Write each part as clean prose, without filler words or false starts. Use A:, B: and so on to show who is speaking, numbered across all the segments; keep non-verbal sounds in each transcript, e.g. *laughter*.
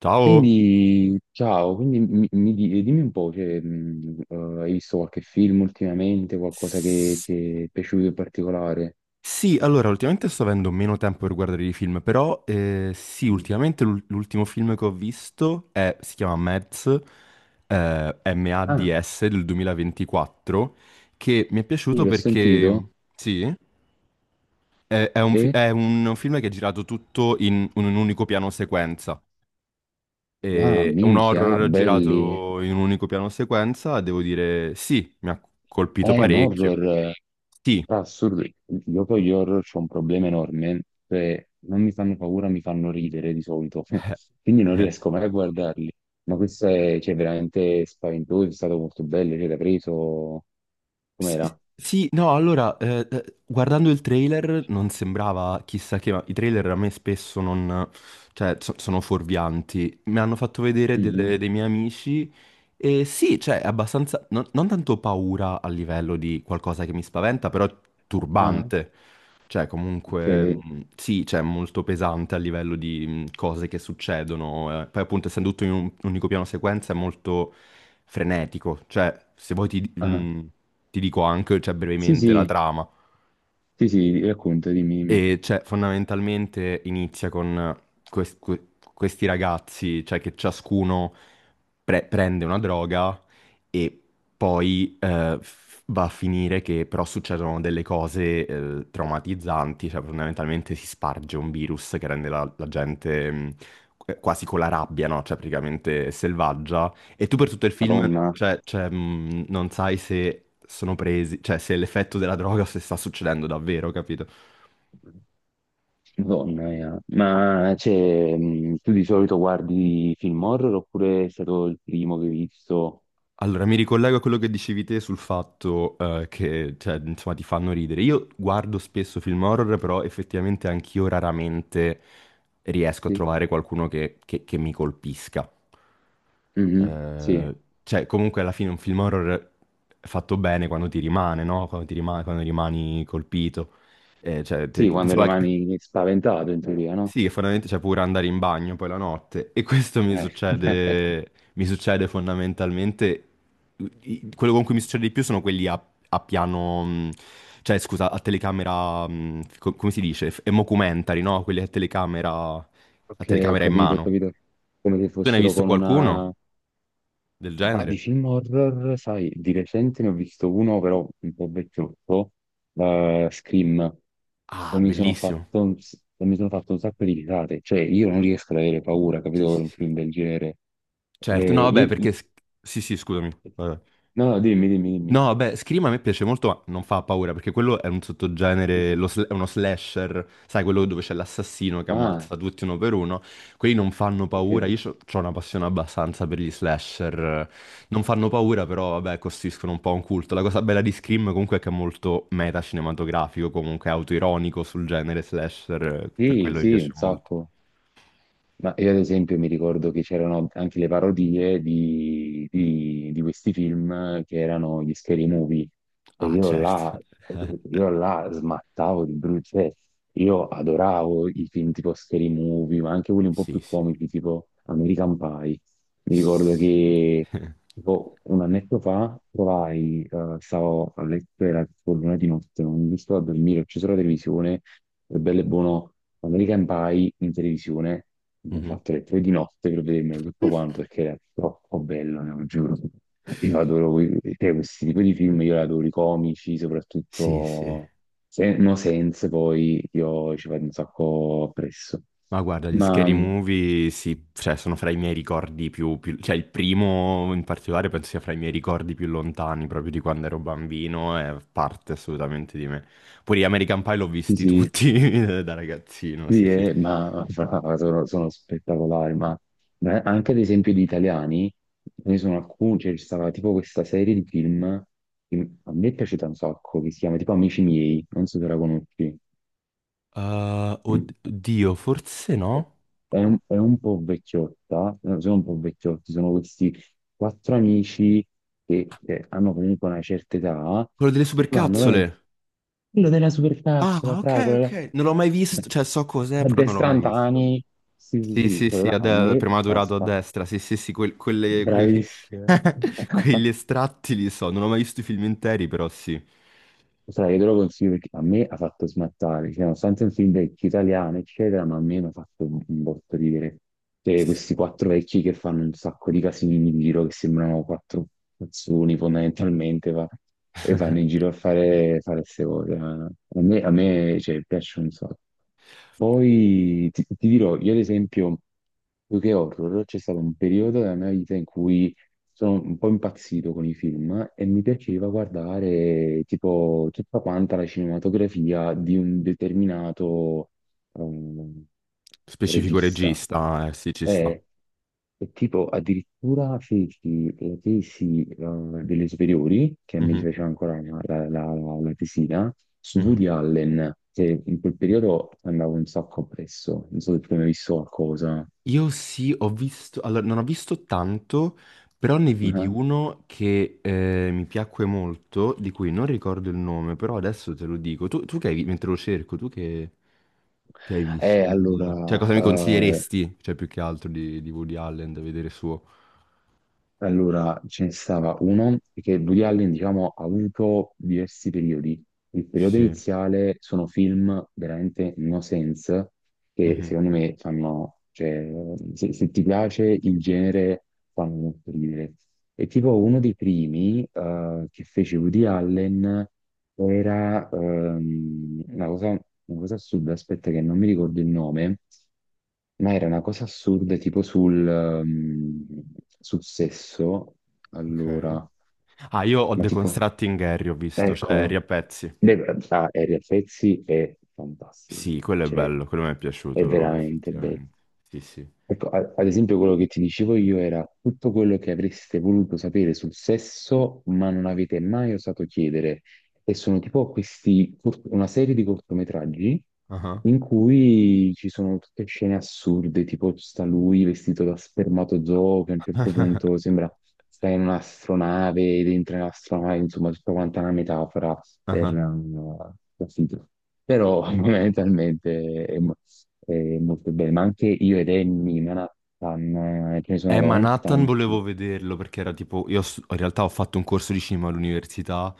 A: Ciao!
B: Quindi, ciao, quindi dimmi un po', cioè, hai visto qualche film ultimamente, qualcosa che
A: S-
B: ti è piaciuto in particolare?
A: Sì, allora, ultimamente sto avendo meno tempo per guardare i film, però sì, ultimamente l'ultimo film che ho visto si chiama Mads,
B: Ah,
A: MADS del 2024, che mi è
B: sì,
A: piaciuto
B: l'ho sentito
A: perché, sì, è, è un, fi-
B: e,
A: è un film che è girato tutto in un unico piano sequenza.
B: ah,
A: È un
B: minchia,
A: horror
B: belli,
A: girato in un unico piano sequenza, devo dire, sì, mi ha colpito
B: un
A: parecchio.
B: horror,
A: Sì.
B: ah, assurdo, io con gli horror c'ho un problema enorme, cioè, non mi fanno paura, mi fanno ridere di solito, *laughs* quindi non
A: *laughs*
B: riesco mai a guardarli, ma questo è, cioè, veramente spaventoso, è stato molto bello, cioè, l'ha preso,
A: Sì,
B: com'era?
A: sì, no, allora, guardando il trailer non sembrava chissà che, ma i trailer a me spesso non, cioè, sono fuorvianti. Mi hanno fatto vedere
B: Mhm.
A: dei miei amici sì, cioè, è abbastanza, non, non tanto paura a livello di qualcosa che mi spaventa, però
B: Ah,
A: turbante. Cioè,
B: ok.
A: comunque, sì, cioè, molto pesante a livello di cose che succedono. Poi, appunto, essendo tutto in un unico piano sequenza, è molto frenetico. Cioè, se vuoi
B: Ah.
A: ti dico anche, cioè,
B: Sì,
A: brevemente la
B: sì,
A: trama.
B: sì, sì, racconta, dimmi, dimmi.
A: E cioè, fondamentalmente inizia con questi ragazzi, cioè che ciascuno prende una droga e poi va a finire che però succedono delle cose traumatizzanti, cioè fondamentalmente si sparge un virus che rende la gente quasi con la rabbia, no? Cioè praticamente selvaggia. E tu per tutto il film,
B: Madonna,
A: non sai se sono presi, cioè se è l'effetto della droga *laughs* o se sta succedendo davvero, capito?
B: Madonna mia. Ma cioè, tu di solito guardi film horror oppure è stato il primo che hai visto?
A: Allora, mi ricollego a quello che dicevi te sul fatto che, cioè, insomma, ti fanno ridere. Io guardo spesso film horror, però effettivamente anch'io raramente riesco a
B: Sì.
A: trovare qualcuno che mi colpisca.
B: Mhm.
A: Eh,
B: Sì,
A: cioè, comunque alla fine un film horror è fatto bene quando ti rimane, no? Quando ti rimane, quando rimani colpito.
B: sì, quando
A: Insomma,
B: rimani spaventato in teoria, no?
A: sì, fondamentalmente c'è pure andare in bagno poi la notte e questo
B: Eh. *laughs*
A: mi succede fondamentalmente, quello con cui mi succede di più sono quelli a piano, mh, cioè scusa, a telecamera, come si dice, mockumentary, no? Quelli a
B: Ok, ho
A: telecamera in
B: capito, ho
A: mano.
B: capito. Come se
A: Tu ne hai
B: fossero
A: visto
B: con
A: qualcuno
B: una,
A: del
B: ma
A: genere?
B: di film horror, sai, di recente ne ho visto uno, però un po' vecchiotto, Scream,
A: Ah, bellissimo.
B: e mi sono fatto un sacco di risate. Cioè, io non riesco ad avere paura,
A: Sì,
B: capito, per
A: sì,
B: un
A: sì.
B: film del genere.
A: Certo, no,
B: Eh,
A: vabbè,
B: io-
A: sì, sì, scusami. Vabbè.
B: No, no, dimmi, dimmi, dimmi.
A: No, beh, Scream a me piace molto, ma non fa paura, perché quello è un
B: Sì,
A: sottogenere,
B: sì.
A: è uno slasher, sai, quello dove c'è l'assassino che
B: Ah,
A: ammazza tutti uno per uno. Quelli non fanno
B: ok.
A: paura, io ho una passione abbastanza per gli slasher. Non fanno paura, però, vabbè, costituiscono un po' un culto. La cosa bella di Scream comunque è che è molto meta cinematografico, comunque autoironico sul genere slasher, per
B: Sì,
A: quello mi
B: sì,
A: piace
B: un
A: molto.
B: sacco. Ma io ad esempio mi ricordo che c'erano anche le parodie di questi film che erano gli scary movie e
A: Ah,
B: io
A: certo.
B: là, io là smattavo di brutto, cioè, io adoravo i film tipo scary movie, ma anche quelli un po'
A: Sì,
B: più
A: sì.
B: comici tipo American Pie. Mi ricordo
A: Sì,
B: che
A: *laughs*
B: tipo un annetto fa trovai, stavo a letto, era tipo l'una di notte, non riuscivo a dormire, ho acceso la televisione, è bello e buono American Pie in televisione. Mi ho
A: mhm.
B: fatto le 3 di notte per vedermelo tutto quanto perché era troppo bello, ne lo giuro. Io adoro cioè, questi tipi di film, io li adoro i comici,
A: Sì, sì.
B: soprattutto No Sense, poi io ci vado un sacco appresso.
A: Ma guarda, gli
B: Ma
A: scary movie sì, cioè, sono fra i miei cioè, il primo in particolare penso sia fra i miei ricordi più lontani, proprio di quando ero bambino, è parte assolutamente di me. Pure gli American Pie l'ho
B: sì,
A: visti
B: sì,
A: tutti *laughs* da ragazzino, sì,
B: sì,
A: sì.
B: ma *laughs* sono spettacolari, ma anche ad esempio di italiani, ce ne sono alcuni, cioè, c'è stata tipo questa serie di film che a me è piaciuta un sacco, che si chiama tipo Amici miei, non so se la conosci.
A: Uh,
B: Mm.
A: oddio, forse no?
B: È un po' vecchiotta, no, sono un po' vecchiotti, sono questi quattro amici che hanno comunque una certa età
A: Quello delle
B: e vanno veramente,
A: supercazzole!
B: quello della supercazzo, la
A: Ah, ok,
B: fragola, la...
A: ok. Non l'ho mai
B: la
A: visto, cioè so cos'è, però non l'ho mai visto.
B: addestrantani, sì, sì,
A: Sì,
B: sì,
A: sì,
B: quello
A: sì,
B: là a me
A: prima
B: fa
A: durato a
B: spa,
A: destra, sì, sì, sì,
B: bravissimo, *laughs*
A: *laughs* quegli estratti li so, non ho mai visto i film interi, però sì.
B: Sai, io te lo consiglio perché a me ha fatto smattare, cioè, nonostante è un film vecchio italiano, eccetera, ma a me mi ha fatto un botto ridere. Cioè,
A: S-
B: questi quattro vecchi che fanno un sacco di casini in giro, che sembrano quattro cazzoni fondamentalmente, e vanno in giro a fare queste cose. A me, cioè, piace un sacco. Poi ti dirò, io ad esempio, più che horror, c'è stato un periodo della mia vita in cui sono un po' impazzito con i film e mi piaceva guardare tipo tutta quanta la cinematografia di un determinato ehm,
A: specifico
B: regista.
A: regista, sì, ci sta.
B: E, e tipo addirittura feci la tesi delle superiori, che mi
A: Mhm,
B: fece ancora la tesina, su
A: mhm.
B: Woody Allen, che in quel periodo andavo un sacco appresso, non so se tu hai mai visto qualcosa.
A: Io sì, ho visto, allora non ho visto tanto, però ne vidi
B: *laughs*
A: uno che mi piacque molto, di cui non ricordo il nome, però adesso te lo dico. Tu, tu che hai, vi- mentre lo cerco, che hai
B: Ah.
A: visto di Woody Allen? Cioè, cosa mi consiglieresti? Cioè, più che altro di Woody Allen da vedere suo.
B: Allora, ce ne stava uno che Woody Allen, diciamo, ha avuto diversi periodi. Il periodo
A: Sì.
B: iniziale sono film veramente no sense, che
A: Mhm.
B: secondo me fanno, cioè, se ti piace il genere, fanno molto ridere. E tipo uno dei primi che fece Woody Allen era una cosa assurda, aspetta che non mi ricordo il nome, ma era una cosa assurda tipo sul sesso.
A: Ok.
B: Allora,
A: Ah, io ho
B: ma
A: The
B: tipo,
A: Constructing Harry, ho visto, cioè Harry
B: eccolo.
A: a pezzi.
B: Beh, ah, Ariel Pezzi è fantastico,
A: Sì, quello è
B: cioè,
A: bello, quello mi è
B: è
A: piaciuto
B: veramente bello.
A: effettivamente. Sì, sì.
B: Ecco, ad esempio quello che ti dicevo io era tutto quello che avreste voluto sapere sul sesso, ma non avete mai osato chiedere. E sono tipo questi, una serie di cortometraggi
A: Ah
B: in cui ci sono tutte scene assurde, tipo sta lui vestito da spermatozoo che a un certo punto sembra sta in un'astronave, dentro un'astronave, insomma, tutta quanta una metafora
A: ah.
B: capito? Però *laughs* fondamentalmente è, molto bene, ma anche io ed Annie, Manhattan, ce ne sono
A: Ma
B: veramente
A: Nathan volevo
B: tanti.
A: vederlo perché era tipo, in realtà ho fatto un corso di cinema all'università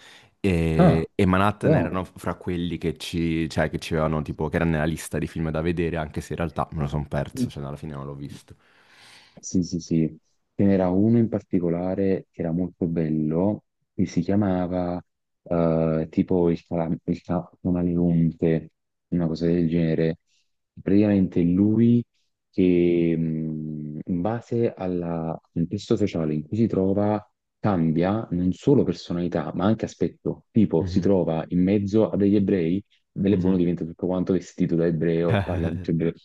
B: Ah,
A: e Manhattan
B: però...
A: erano fra quelli che ci, cioè, che ci avevano tipo, che erano nella lista di film da vedere, anche se in realtà me lo sono perso, cioè alla fine non l'ho visto.
B: Sì, sì, sì. Ce n'era uno in particolare che era molto bello, che si chiamava tipo il, camaleonte, una cosa del genere. Praticamente lui che in base al contesto sociale in cui si trova cambia non solo personalità, ma anche aspetto. Tipo si
A: Mhm,
B: trova in mezzo a degli ebrei, bell'e buono
A: mhm.
B: diventa tutto quanto vestito da ebreo, parla tutto ebreo.
A: *laughs*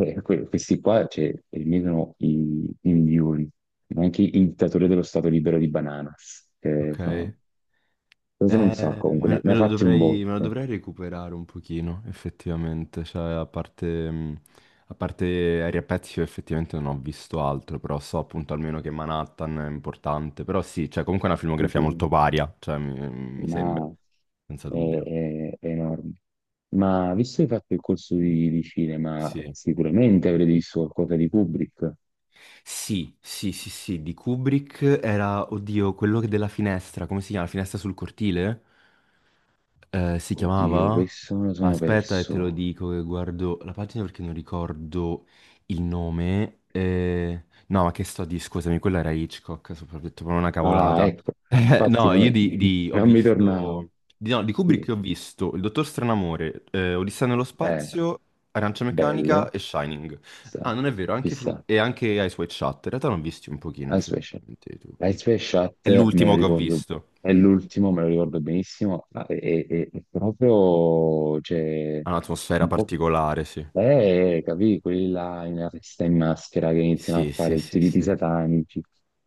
B: Questi qua cioè, eliminano i migliori, anche il dittatore dello Stato libero di Bananas. Che,
A: Ok.
B: insomma, questo non so, comunque ne, ne ha fatti un
A: Me lo
B: botto.
A: dovrei recuperare un pochino, effettivamente. Cioè, a parte Aria Pezzi, io effettivamente non ho visto altro, però so appunto almeno che Manhattan è importante. Però sì, cioè, comunque è una
B: Sì,
A: filmografia
B: sì,
A: molto
B: sì.
A: varia, cioè, mi sembra,
B: Ma
A: senza
B: è,
A: dubbio.
B: è- è enorme. Ma visto che hai fatto il corso di cinema,
A: Sì.
B: sicuramente avrete visto qualcosa di Kubrick.
A: Sì, sì, sì, sì, di Kubrick era, oddio, quello che della finestra, come si chiama? La finestra sul cortile? Si
B: Oddio,
A: chiamava?
B: questo me lo sono
A: Aspetta e te lo
B: perso.
A: dico che guardo la pagina perché non ricordo il nome. No, ma che sto a dire? Scusami, quella era Hitchcock, ho detto proprio una
B: Ah,
A: cavolata. *laughs*
B: ecco, infatti
A: No,
B: no,
A: io
B: *laughs*
A: ho
B: non mi tornavo.
A: visto... Di, no, di Kubrick
B: Sì,
A: ho visto Il Dottor Stranamore, Odissea nello
B: è
A: spazio, Arancia Meccanica
B: bello.
A: e Shining. Ah,
B: Chissà,
A: non è vero,
B: chissà.
A: e anche Eyes Wide Shut. In realtà ne ho visti un pochino,
B: Ice Wave Shot.
A: effettivamente.
B: Ice Wave Shot
A: È
B: me lo
A: l'ultimo che ho
B: ricordo,
A: visto.
B: è l'ultimo, me lo ricordo benissimo, ma è proprio, cioè,
A: Ha un'atmosfera
B: un po'.
A: particolare, sì.
B: Capì, quelli là in arresta in maschera che iniziano a
A: Sì, sì,
B: fare tutti
A: sì,
B: i riti
A: sì,
B: satanici.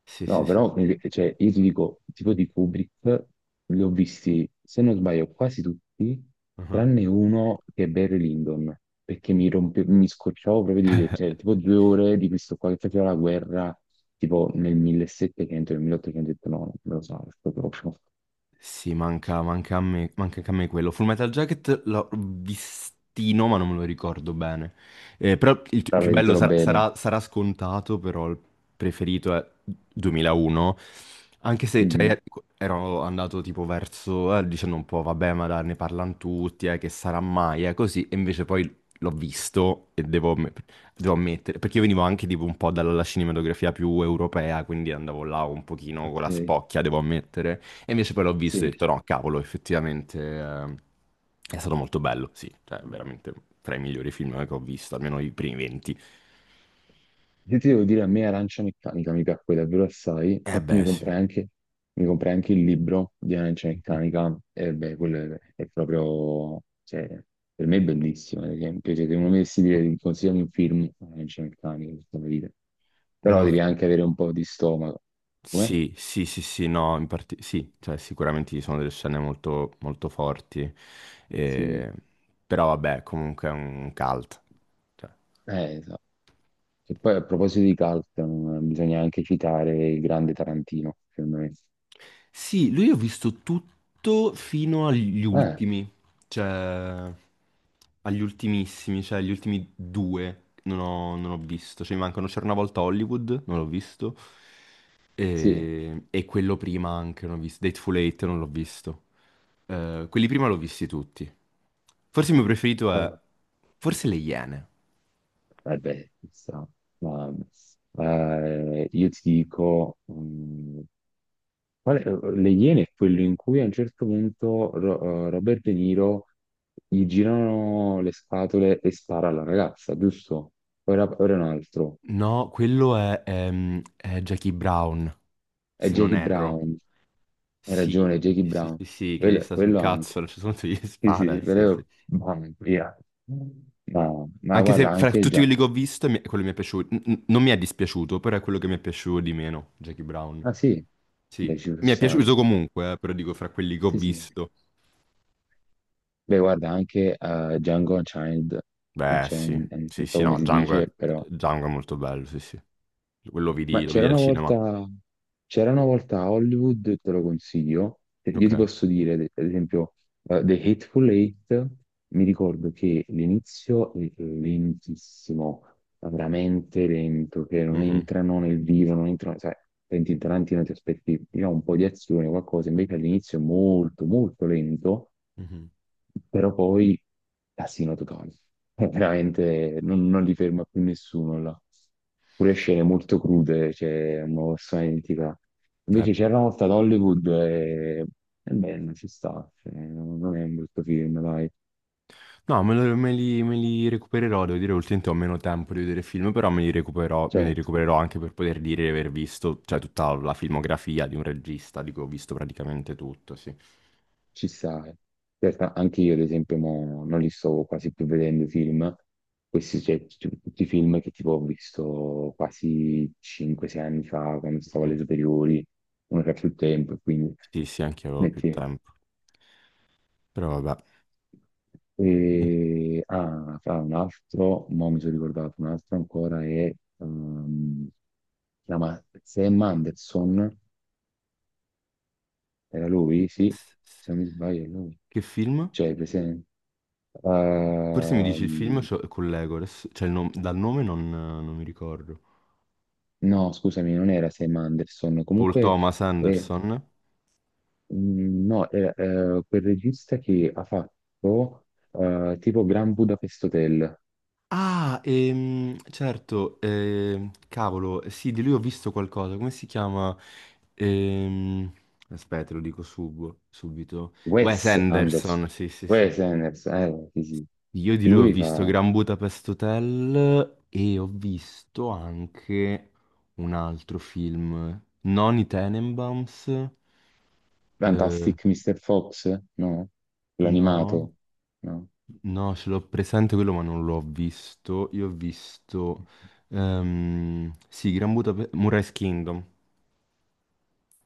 A: sì,
B: No,
A: sì, sì,
B: però,
A: sì.
B: cioè, io ti dico, tipo di Kubrick, li ho visti, se non sbaglio, quasi tutti,
A: Ah.
B: tranne uno che è Barry Lyndon, perché mi rompe, mi scocciavo proprio di vedere, cioè, tipo 2 ore di questo qua che faceva la guerra, tipo nel 1700, nel 1800, ho detto, no, non me lo so, sto proprio,
A: Sì, manca, manca a me, manca anche a me quello. Full Metal Jacket l'ho vistino, ma non me lo ricordo bene. Però il t-
B: la Ho
A: più bello
B: vedetelo
A: sarà,
B: capito. Bene.
A: sarà- sarà scontato, però il preferito è 2001. Anche se
B: Mhm.
A: cioè, ero andato tipo dicendo un po', vabbè, ma dai, ne parlano tutti, che sarà mai, così. E invece poi l'ho visto devo ammettere, perché io venivo anche tipo un po' dalla cinematografia più europea, quindi andavo là un pochino con
B: Ok,
A: la spocchia, devo ammettere. E invece poi l'ho visto e ho
B: sì.
A: detto no, cavolo, effettivamente è stato molto bello, sì, cioè veramente tra i migliori film che ho visto, almeno i primi 20.
B: Se ti devo dire, a me Arancia Meccanica mi piacque davvero assai,
A: Eh
B: infatti mi
A: beh, sì.
B: comprai anche, mi comprai anche il libro di Arancia
A: Mhm.
B: Meccanica, e beh, quello è proprio, cioè, per me è bellissimo, ad esempio, cioè, se uno mi dovessi dire, consigliami un film, Arancia Meccanica, per dire.
A: Non
B: Però
A: ho-
B: devi anche avere un po' di stomaco, come?
A: sì, sì, sì, sì, no, in parte... sì, cioè sicuramente ci sono delle scene molto forti,
B: Sì,
A: eh, però vabbè, comunque è un cult. Cioè.
B: esatto. E poi a proposito di cult, bisogna anche citare il grande Tarantino, secondo me.
A: Sì, lui ho visto tutto fino agli
B: Eh,
A: ultimi, cioè agli ultimissimi, cioè gli ultimi due non ho visto, cioè mi mancano C'era una volta Hollywood, non l'ho visto,
B: sì.
A: e quello prima anche non ho visto, Dateful Eight non l'ho visto. Quelli prima l'ho visti tutti. Forse il mio preferito è,
B: Ah.
A: forse Le Iene,
B: Vabbè, chissà. Ma, io ti dico, Le Iene è quello in cui a un certo punto Robert De Niro gli girano le scatole e spara alla ragazza, giusto? Ora, ora è un altro.
A: no, quello è Jackie Brown,
B: È
A: se non
B: Jackie
A: erro.
B: Brown. Hai
A: Sì,
B: ragione, è Jackie
A: sì, sì,
B: Brown.
A: sì, sì, che gli
B: Quello,
A: sta sul
B: quello
A: cazzo, a
B: anche.
A: un certo punto gli
B: Sì, sì,
A: spara, sì, sì.
B: quello... Mamma mia. Ma
A: Anche se
B: guarda,
A: fra
B: anche
A: tutti
B: già...
A: quelli che ho visto, quello mi è piaciuto, non mi è dispiaciuto, però è quello che mi è piaciuto di meno, Jackie Brown.
B: Ah sì, dai,
A: Sì,
B: ci può
A: mi è
B: stare.
A: piaciuto comunque, però dico fra quelli che ho
B: Sì, sì.
A: visto.
B: Beh, guarda, anche Django Unchained,
A: Beh, sì,
B: Unchained, eh,
A: sì,
B: Non so
A: sì, no,
B: come si dice, però...
A: Django è molto bello, sì, sì. Quello
B: Ma
A: lo vidi
B: c'era
A: al
B: una
A: cinema.
B: volta, c'era una volta a Hollywood, te lo consiglio, io
A: Ok.
B: ti posso dire, ad esempio, The Hateful Eight, mi ricordo che l'inizio è lentissimo, ma veramente lento, che non
A: Mhm,
B: entrano nel vivo, non entrano, sai, senti Tarantino ti aspetti, diciamo, un po' di azione, qualcosa, invece all'inizio è molto, molto lento,
A: mhm.
B: però poi casino totale. È veramente non li ferma più nessuno là. Pure scene molto crude, c'è una persona identica.
A: Eh,
B: Invece c'era una volta ad Hollywood e beh, non ci sta, cioè, non è un brutto film, dai.
A: no, me li recupererò, devo dire, ultimamente ho meno tempo di vedere film, però me li
B: Certo.
A: recupererò anche per poter dire di aver visto, cioè, tutta la filmografia di un regista, di cui ho visto praticamente tutto, sì.
B: Ci sta. Certo, anche io, ad esempio, mo non li sto quasi più vedendo i film. Questi, cioè, tutti i film che tipo ho visto quasi 5-6 anni fa, quando stavo
A: Mhm.
B: alle superiori, non era più il tempo, quindi...
A: Sì, sì, anche io avevo più
B: Metti.
A: tempo. Però vabbè.
B: E... Ah, fra un altro, mo mi sono ricordato, un altro ancora è... si chiama Sam Anderson, era lui, sì, se non mi sbaglio è lui.
A: Che film?
B: Cioè, presente.
A: Forse mi dici il film
B: Ehm,
A: cioè, con Legolas, dal nome non mi ricordo.
B: No, scusami, non era Sam Anderson.
A: Paul
B: Comunque,
A: Thomas
B: eh,
A: Anderson?
B: no, era quel regista che ha fatto tipo Grand Budapest Hotel,
A: Ah, certo, cavolo, sì, di lui ho visto qualcosa, come si chiama? Ehm, aspetta, subito. Wes
B: Wes Anderson.
A: Anderson, sì, sì, sì.
B: Wes Anderson, sì, sì.
A: Io di lui ho
B: Lui
A: visto
B: fa
A: Gran Budapest Hotel e ho visto anche un altro film, non i Tenenbaums, eh,
B: Fantastic Mr. Fox, no?
A: no.
B: L'animato, no?
A: No, ce l'ho presente quello, ma non l'ho visto. Io ho visto... sì, Gran Budapest... Moonrise Kingdom.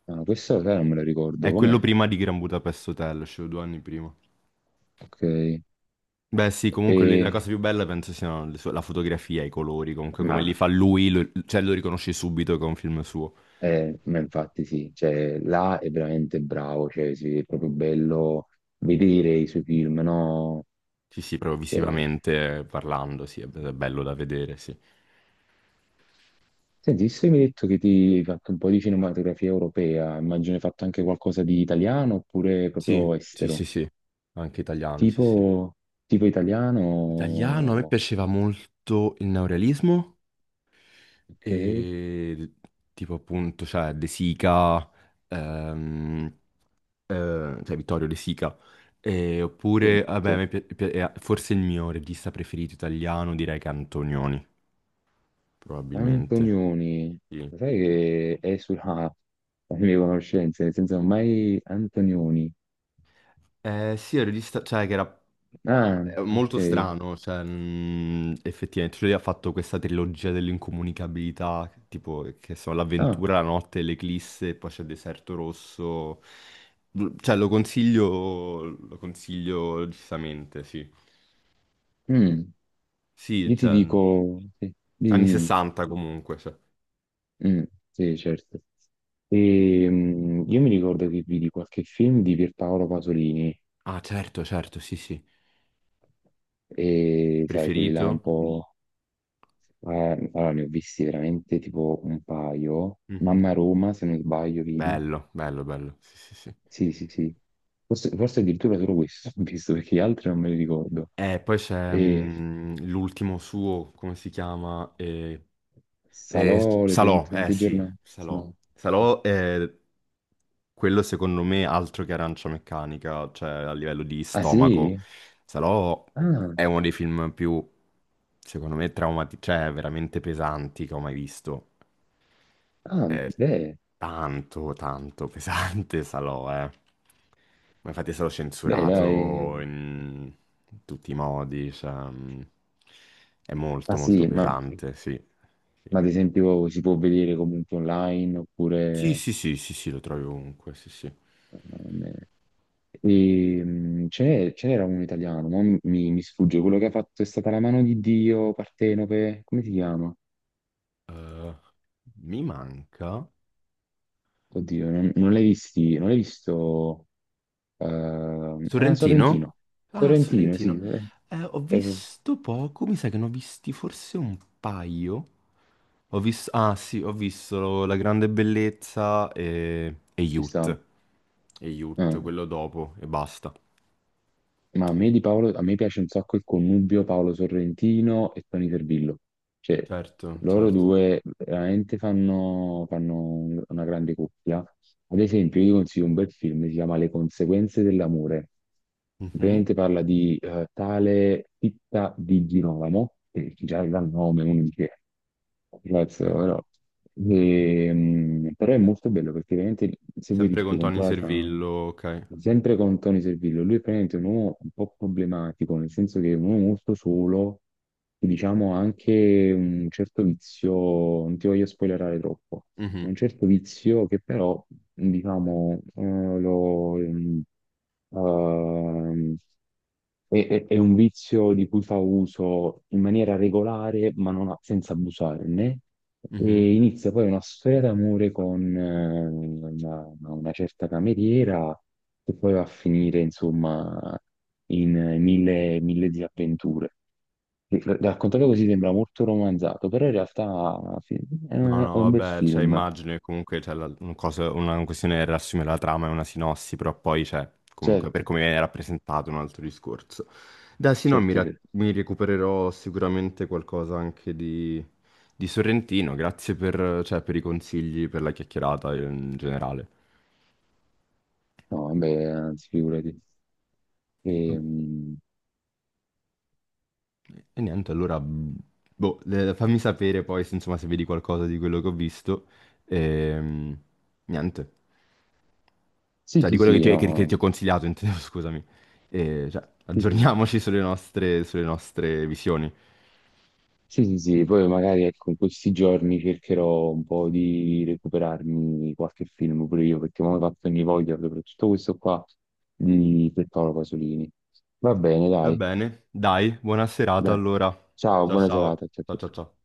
B: No, questo sai, non me lo ricordo
A: È
B: com'è.
A: quello prima di Gran Budapest Hotel, cioè due anni prima.
B: Ok.
A: Beh, sì, comunque la cosa
B: E,
A: più bella penso la fotografia, i colori, comunque
B: ma
A: come li fa lui, cioè lo riconosci subito che è un film suo.
B: ma infatti sì, cioè, là è veramente bravo, cioè, sì, è proprio bello vedere i suoi film, no?
A: Sì, sì, proprio
B: Cioè,
A: visivamente parlando, sì, è bello da vedere, sì.
B: senti, visto che mi hai detto che ti hai fatto un po' di cinematografia europea, immagino hai fatto anche qualcosa di italiano oppure
A: Sì,
B: proprio
A: sì, sì,
B: estero,
A: sì. Anche italiano, sì, sì.
B: tipo, tipo
A: Italiano, a me
B: italiano,
A: piaceva molto il neorealismo.
B: ok?
A: E tipo appunto, cioè De Sica, ehm, eh, cioè Vittorio De Sica. E
B: Sì,
A: oppure, vabbè, a
B: cioè,
A: me forse il mio regista preferito italiano direi che è Antonioni, probabilmente.
B: Antonioni,
A: Sì.
B: lo sai che è sulla le mie conoscenze, nel senso mai Antonioni.
A: Sì, è un regista, cioè che era
B: Ah,
A: è molto
B: ok.
A: strano, cioè, effettivamente, cioè, lui ha fatto questa trilogia dell'incomunicabilità, tipo, che sono
B: Ah,
A: l'avventura, la notte, l'eclisse, e poi c'è Deserto Rosso, cioè, lo consiglio giustamente, sì.
B: mm.
A: Sì,
B: Io ti
A: cioè,
B: dico, sì,
A: anni
B: dimmi,
A: 60 comunque, cioè.
B: dimmi. Mm, sì, certo. Io mi ricordo che vidi qualche film di Pierpaolo Pasolini
A: Ah, certo, certo, sì, sì.
B: e sai, quelli là un
A: Preferito?
B: po'... Eh, allora, ne ho visti veramente tipo un paio.
A: Mhm.
B: Mamma Roma, se non sbaglio, vedi?
A: Bello, bello, bello, sì, sì, sì.
B: Sì, sì, sì. Forse, forse addirittura solo questo *laughs* ho visto, perché gli altri non me li ricordo.
A: E poi c'è
B: E
A: l'ultimo suo, come si chiama? Eh,
B: Salò, le
A: Salò, eh
B: 120
A: sì,
B: giornate.
A: Salò.
B: No.
A: Salò è quello secondo me altro che Arancia Meccanica, cioè a livello di
B: Ah,
A: stomaco.
B: sì?
A: Salò
B: Ah,
A: è uno dei film più, secondo me, traumatici, cioè veramente pesanti che ho mai visto.
B: ah,
A: È
B: beh,
A: tanto, tanto pesante *laughs* Salò, eh. Ma infatti è stato
B: beh, dai.
A: censurato in tutti i modi, cioè, è
B: Ma
A: molto, molto
B: sì, ma,
A: pesante, sì. Sì.
B: ma ad esempio si può vedere comunque online
A: Sì,
B: oppure...
A: sì, sì, sì, sì, lo trovi ovunque, sì, sì.
B: ehm, E, ce n'era uno italiano, ma mi sfugge quello che ha fatto è stata la mano di Dio, Partenope, come si chiama?
A: Eh, mi manca...
B: Oddio, non l'hai visti, non l'hai visto ah,
A: Sorrentino?
B: Sorrentino.
A: Ah,
B: Sorrentino, sì,
A: Sorrentino. Ho
B: eh,
A: visto poco, mi sa che ne ho visti forse un paio. Ho visto... Ah, sì, ho visto La Grande Bellezza e
B: ci stavo.
A: Youth. E Youth, quello dopo, e basta.
B: Ma a me
A: Sì.
B: di Paolo, a me piace un sacco il connubio Paolo Sorrentino e Tony Servillo. Cioè,
A: Certo,
B: loro
A: certo.
B: due veramente fanno una grande coppia. Ad esempio, io vi consiglio un bel film, si chiama Le conseguenze dell'amore.
A: Mhm.
B: Praticamente parla di tale Titta di Girolamo, che già dal nome uno dice Grazie,
A: Ok.
B: ora. Però è molto bello perché veramente, se vuoi ti
A: Sempre con
B: spiego un
A: Tony
B: po' la trama,
A: Servillo, ok.
B: sempre con Tony Servillo, lui è praticamente un uomo un po' problematico, nel senso che è un uomo molto solo, e diciamo anche un certo vizio, non ti voglio spoilerare troppo, un
A: Mhm,
B: certo vizio che però, diciamo, ehm, è un vizio di cui fa uso in maniera regolare, ma non a- senza abusarne,
A: mhm.
B: e inizia poi una storia d'amore con una certa cameriera, che poi va a finire, insomma, in mille disavventure. Raccontato così sembra molto romanzato, però in realtà sì, è
A: No, no,
B: è un bel
A: vabbè, cioè,
B: film,
A: immagino che comunque c'è la- un cosa- una questione è riassumere la trama e una sinossi, però poi c'è, comunque, per
B: certo,
A: come viene rappresentato, un altro discorso. Dai, sì, no,
B: certo, certo.
A: mi recupererò sicuramente qualcosa anche di Sorrentino, grazie per, cioè, per i consigli, per la chiacchierata in generale.
B: No, vabbè, anzi, figurati. Ehm,
A: E niente, allora, boh, fammi sapere poi, se, insomma, se vedi qualcosa di quello che ho visto. E, niente.
B: sì,
A: Cioè, di
B: sì,
A: quello che
B: sì,
A: che ti ho
B: no.
A: consigliato, intendevo, *laughs* scusami. E, cioè,
B: Sì, sì.
A: aggiorniamoci sulle nostre visioni.
B: Sì, sì, sì, poi magari ecco, in questi giorni cercherò un po' di recuperarmi qualche film pure io, perché mi ho fatto ogni voglia, soprattutto questo qua di Pier Paolo Pasolini. Va bene,
A: Va
B: dai,
A: bene, dai, buona serata
B: dai.
A: allora.
B: Ciao,
A: Ciao
B: buona
A: ciao.
B: serata. Ciao,
A: Ciao
B: ciao.
A: ciao
B: Ciao.
A: ciao.